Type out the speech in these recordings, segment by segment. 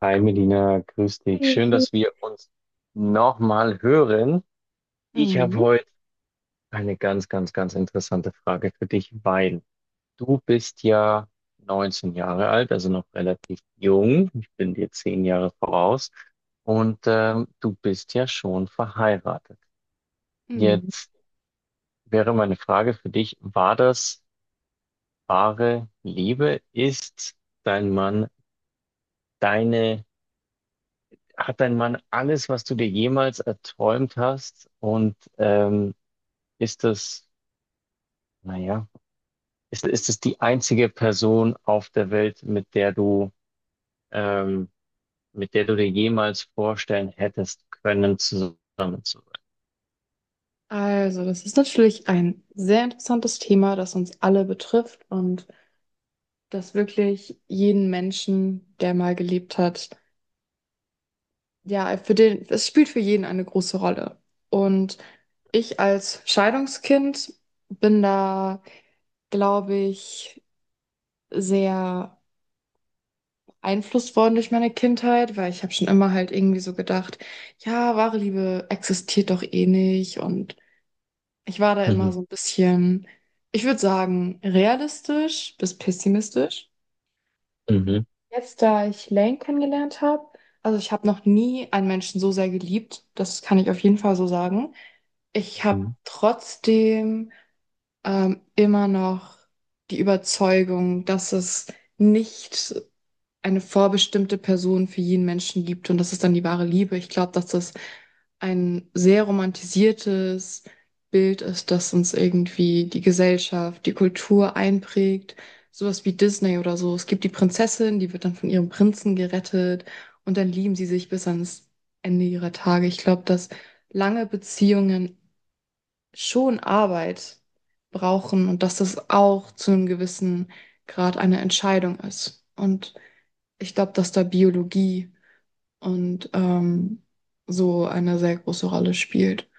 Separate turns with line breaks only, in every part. Hi Melina, grüß dich.
Hey.
Schön, dass wir uns nochmal hören. Ich habe
Mhm.
heute eine ganz interessante Frage für dich, weil du bist ja 19 Jahre alt, also noch relativ jung. Ich bin dir 10 Jahre voraus und du bist ja schon verheiratet.
Mhm.
Jetzt wäre meine Frage für dich, war das wahre Liebe? Ist dein Mann deine Hat dein Mann alles, was du dir jemals erträumt hast? Und ist das, naja, ist das die einzige Person auf der Welt, ähm, mit der du dir jemals vorstellen hättest können, zusammen zu
Also, das ist natürlich ein sehr interessantes Thema, das uns alle betrifft und das wirklich jeden Menschen, der mal gelebt hat, ja, für den, es spielt für jeden eine große Rolle. Und ich als Scheidungskind bin da, glaube ich, sehr beeinflusst worden durch meine Kindheit, weil ich habe schon immer halt irgendwie so gedacht, ja, wahre Liebe existiert doch eh nicht und ich war da
sein?
immer
Mhm.
so ein bisschen, ich würde sagen, realistisch bis pessimistisch.
Mhm.
Jetzt, da ich Lane kennengelernt habe, also ich habe noch nie einen Menschen so sehr geliebt, das kann ich auf jeden Fall so sagen. Ich habe
Mhm.
trotzdem immer noch die Überzeugung, dass es nicht eine vorbestimmte Person für jeden Menschen gibt und das ist dann die wahre Liebe. Ich glaube, dass das ein sehr romantisiertes Bild ist, das uns irgendwie die Gesellschaft, die Kultur einprägt. Sowas wie Disney oder so. Es gibt die Prinzessin, die wird dann von ihrem Prinzen gerettet und dann lieben sie sich bis ans Ende ihrer Tage. Ich glaube, dass lange Beziehungen schon Arbeit brauchen und dass das auch zu einem gewissen Grad eine Entscheidung ist. Und ich glaube, dass da Biologie und so eine sehr große Rolle spielt.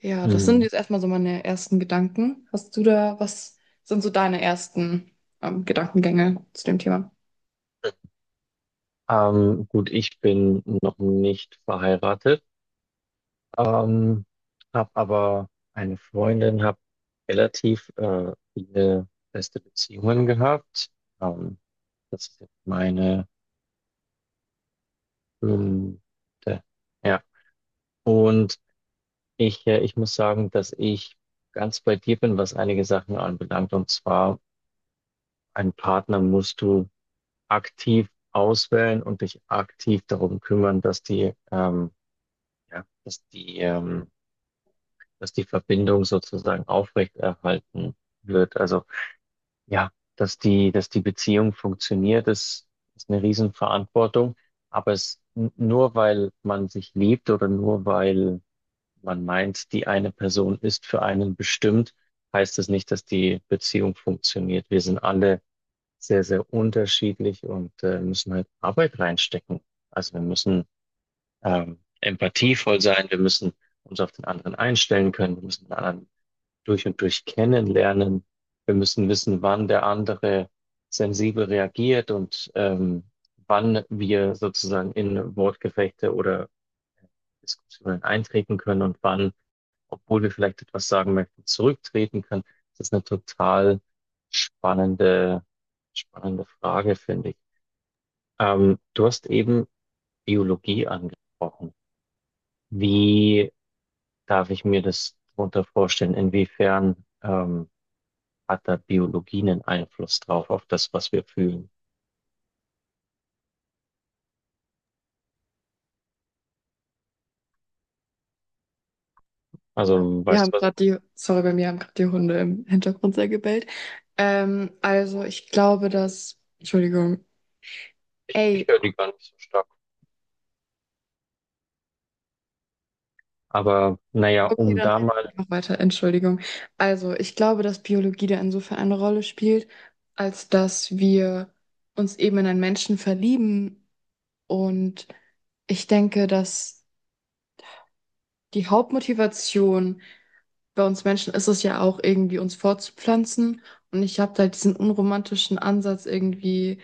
Ja, das sind
Mhm.
jetzt erstmal so meine ersten Gedanken. Hast du da, was sind so deine ersten Gedankengänge zu dem Thema?
Gut, ich bin noch nicht verheiratet. Ähm, habe aber eine Freundin, habe relativ viele feste Beziehungen gehabt. Ähm, das ist jetzt meine fünfte. Ja. Und ich muss sagen, dass ich ganz bei dir bin, was einige Sachen anbelangt. Und zwar, einen Partner musst du aktiv auswählen und dich aktiv darum kümmern, dass die, ja, dass die Verbindung sozusagen aufrechterhalten wird. Also ja, dass die Beziehung funktioniert, ist eine Riesenverantwortung. Aber nur weil man sich liebt oder nur weil man meint, die eine Person ist für einen bestimmt, heißt es nicht, dass die Beziehung funktioniert. Wir sind alle sehr unterschiedlich und müssen halt Arbeit reinstecken. Also wir müssen empathievoll sein, wir müssen uns auf den anderen einstellen können, wir müssen mit anderen durch und durch kennenlernen. Wir müssen wissen, wann der andere sensibel reagiert und wann wir sozusagen in Wortgefechte oder Diskussionen eintreten können und wann, obwohl wir vielleicht etwas sagen möchten, zurücktreten können. Das ist eine total spannende, spannende Frage, finde ich. Du hast eben Biologie angesprochen. Wie darf ich mir das darunter vorstellen? Inwiefern hat da Biologie einen Einfluss drauf, auf das, was wir fühlen.
Äh,
Also,
Wir
weißt
haben
du was?
gerade die, sorry, bei mir haben gerade die Hunde im Hintergrund sehr gebellt. Also ich glaube, dass, Entschuldigung,
Ich
ey,
höre die gar nicht so stark. Aber naja,
okay,
um
dann
da
rede
mal.
ich einfach weiter. Entschuldigung. Also, ich glaube, dass Biologie da insofern eine Rolle spielt, als dass wir uns eben in einen Menschen verlieben. Und ich denke, dass die Hauptmotivation bei uns Menschen ist es ja auch irgendwie, uns fortzupflanzen. Und ich habe da diesen unromantischen Ansatz irgendwie,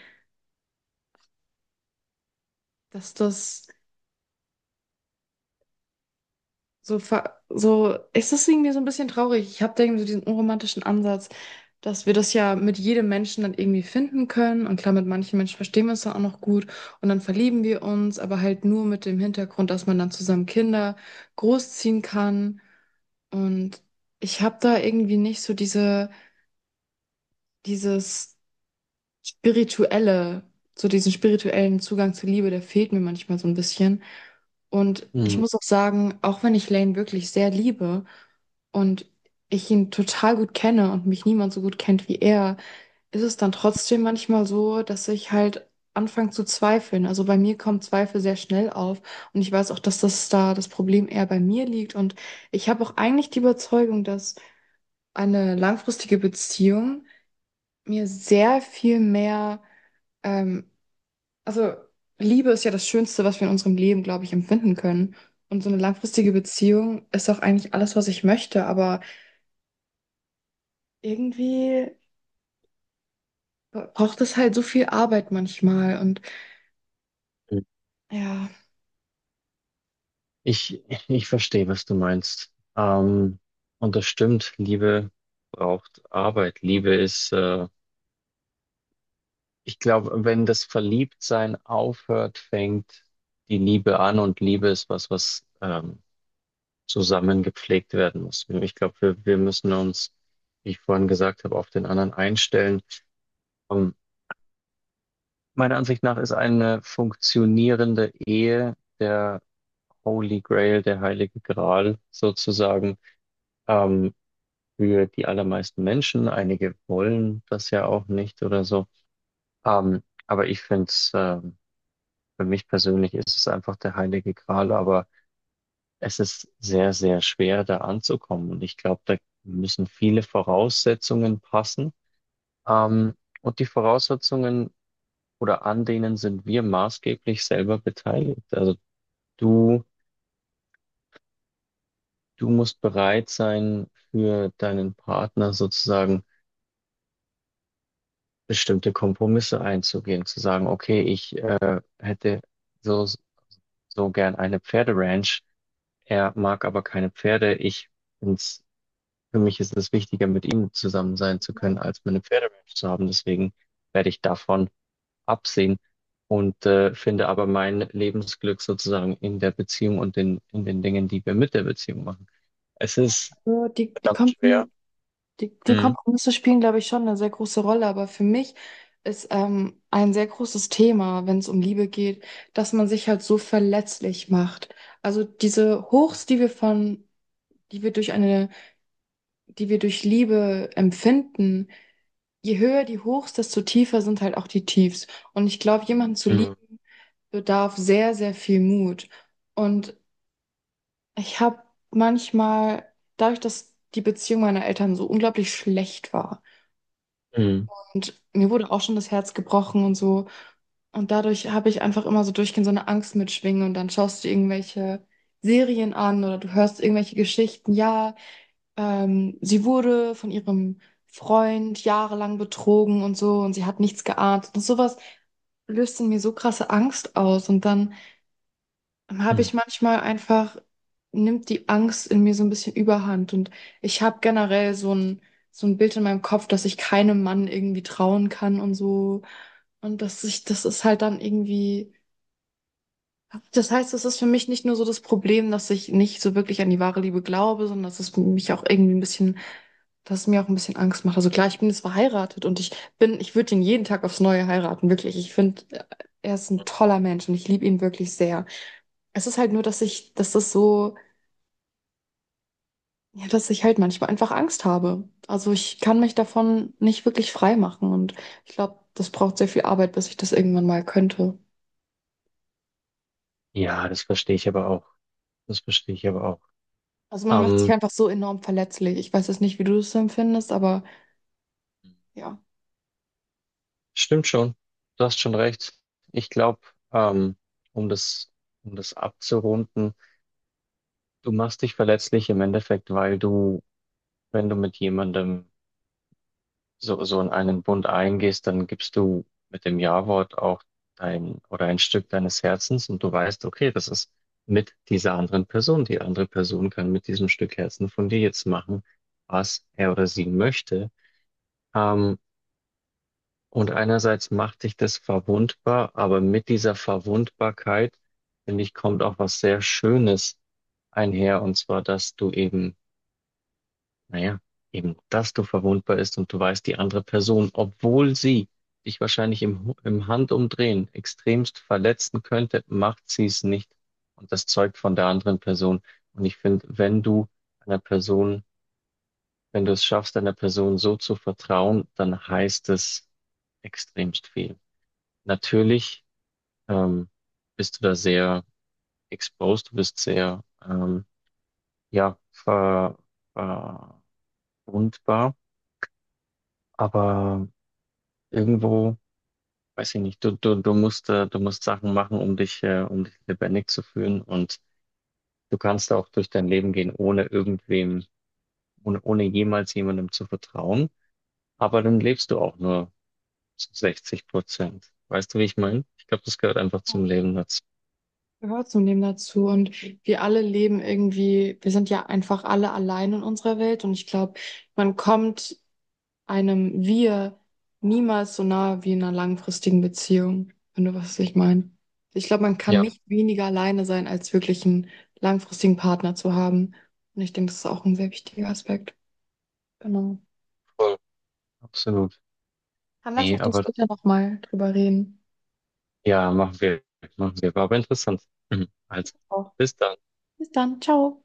dass das so, so ist das irgendwie so ein bisschen traurig. Ich habe da irgendwie so diesen unromantischen Ansatz, dass wir das ja mit jedem Menschen dann irgendwie finden können. Und klar, mit manchen Menschen verstehen wir es dann auch noch gut und dann verlieben wir uns, aber halt nur mit dem Hintergrund, dass man dann zusammen Kinder großziehen kann. Und ich habe da irgendwie nicht so diese, dieses spirituelle, so diesen spirituellen Zugang zur Liebe, der fehlt mir manchmal so ein bisschen. Und ich
Hm,
muss auch sagen, auch wenn ich Lane wirklich sehr liebe und ich ihn total gut kenne und mich niemand so gut kennt wie er, ist es dann trotzdem manchmal so, dass ich halt anfange zu zweifeln. Also bei mir kommt Zweifel sehr schnell auf und ich weiß auch, dass das da das Problem eher bei mir liegt. Und ich habe auch eigentlich die Überzeugung, dass eine langfristige Beziehung mir sehr viel mehr ähm, also Liebe ist ja das Schönste, was wir in unserem Leben, glaube ich, empfinden können. Und so eine langfristige Beziehung ist auch eigentlich alles, was ich möchte. Aber irgendwie braucht es halt so viel Arbeit manchmal. Und ja,
Ich, ich verstehe, was du meinst. Und das stimmt, Liebe braucht Arbeit. Ich glaube, wenn das Verliebtsein aufhört, fängt die Liebe an und Liebe ist was, was zusammen gepflegt werden muss. Ich glaube, wir müssen uns, wie ich vorhin gesagt habe, auf den anderen einstellen. Ähm, Meiner Ansicht nach ist eine funktionierende Ehe der Holy Grail, der Heilige Gral sozusagen, ähm, für die allermeisten Menschen. Einige wollen das ja auch nicht oder so. Aber für mich persönlich ist es einfach der Heilige Gral, aber es ist sehr schwer, da anzukommen. Und ich glaube, da müssen viele Voraussetzungen passen. Ähm, und die Voraussetzungen oder an denen sind wir maßgeblich selber beteiligt. Du, du musst bereit sein, für deinen Partner sozusagen bestimmte Kompromisse einzugehen, zu sagen, okay, ich hätte so, so gern eine Pferderanch, er mag aber keine Pferde, find's, für mich ist es wichtiger, mit ihm zusammen sein zu können, als meine Pferderanch zu haben, deswegen werde ich davon absehen und finde aber mein Lebensglück sozusagen in der Beziehung und in den Dingen, die wir mit der Beziehung machen. Es ist
so
verdammt schwer.
Die, die Kompromisse spielen, glaube ich, schon eine sehr große Rolle. Aber für mich ist ein sehr großes Thema, wenn es um Liebe geht, dass man sich halt so verletzlich macht. Also diese Hochs, die wir durch eine, die wir durch Liebe empfinden, je höher die Hochs, desto tiefer sind halt auch die Tiefs. Und ich glaube, jemanden zu lieben
Mhm.
bedarf sehr, sehr viel Mut. Und ich habe manchmal, dadurch, dass die Beziehung meiner Eltern so unglaublich schlecht war
Mhm.
und mir wurde auch schon das Herz gebrochen und so. Und dadurch habe ich einfach immer so durchgehend so eine Angst mitschwingen und dann schaust du irgendwelche Serien an oder du hörst irgendwelche Geschichten. Ja, sie wurde von ihrem Freund jahrelang betrogen und so und sie hat nichts geahnt. Und sowas löst in mir so krasse Angst aus. Und dann habe
Mhm.
ich manchmal einfach, nimmt die Angst in mir so ein bisschen Überhand. Und ich habe generell so ein Bild in meinem Kopf, dass ich keinem Mann irgendwie trauen kann und so. Und dass ich, das ist halt dann irgendwie. Das heißt, es ist für mich nicht nur so das Problem, dass ich nicht so wirklich an die wahre Liebe glaube, sondern dass es mich auch irgendwie ein bisschen das mir auch ein bisschen Angst macht. Also klar, ich bin jetzt verheiratet und ich bin, ich würde ihn jeden Tag aufs Neue heiraten, wirklich. Ich finde, er ist ein toller Mensch und ich liebe ihn wirklich sehr. Es ist halt nur, dass ich, dass das so, ja, dass ich halt manchmal einfach Angst habe. Also ich kann mich davon nicht wirklich frei machen und ich glaube, das braucht sehr viel Arbeit, bis ich das irgendwann mal könnte.
Ja, das verstehe ich aber auch. Das verstehe ich aber auch.
Also man macht sich
Ähm,
einfach so enorm verletzlich. Ich weiß jetzt nicht, wie du das empfindest, aber ja.
stimmt schon. Du hast schon recht. Ich glaube, ähm, um das, um das abzurunden, du machst dich verletzlich im Endeffekt, weil du, wenn du mit jemandem so in einen Bund eingehst, dann gibst du mit dem Ja-Wort auch dein oder ein Stück deines Herzens und du weißt, okay, das ist mit dieser anderen Person. Die andere Person kann mit diesem Stück Herzen von dir jetzt machen, was er oder sie möchte. Ähm, und einerseits macht dich das verwundbar, aber mit dieser Verwundbarkeit, finde ich, kommt auch was sehr Schönes einher. Und zwar, dass du eben, naja, eben, dass du verwundbar bist und du weißt, die andere Person, obwohl sie dich wahrscheinlich im Handumdrehen extremst verletzen könnte, macht sie es nicht. Und das zeugt von der anderen Person. Und ich finde, wenn einer Person, wenn du es schaffst, einer Person so zu vertrauen, dann heißt es extremst viel. Natürlich ähm, bist du da sehr exposed, du bist sehr ja, ver, verwundbar, aber irgendwo, weiß ich nicht, du musst Sachen machen, um dich lebendig zu fühlen und du kannst auch durch dein Leben gehen, ohne jemals jemandem zu vertrauen, aber dann lebst du auch nur zu 60%. Weißt du, wie ich meine? Ich glaube, das gehört einfach zum Leben dazu.
Gehört zunehmend dazu und wir alle leben irgendwie, wir sind ja einfach alle allein in unserer Welt und ich glaube, man kommt einem Wir niemals so nahe wie in einer langfristigen Beziehung, wenn du weißt, was ich meine. Ich glaube, man kann
Ja,
nicht weniger alleine sein, als wirklich einen langfristigen Partner zu haben. Und ich denke, das ist auch ein sehr wichtiger Aspekt. Genau.
voll, absolut.
Dann lass
Nee,
doch das
aber
später
das
nochmal drüber reden.
ja, machen wir. Machen wir. War aber interessant. Mhm. Also,
Auch.
bis dann.
Bis dann. Ciao.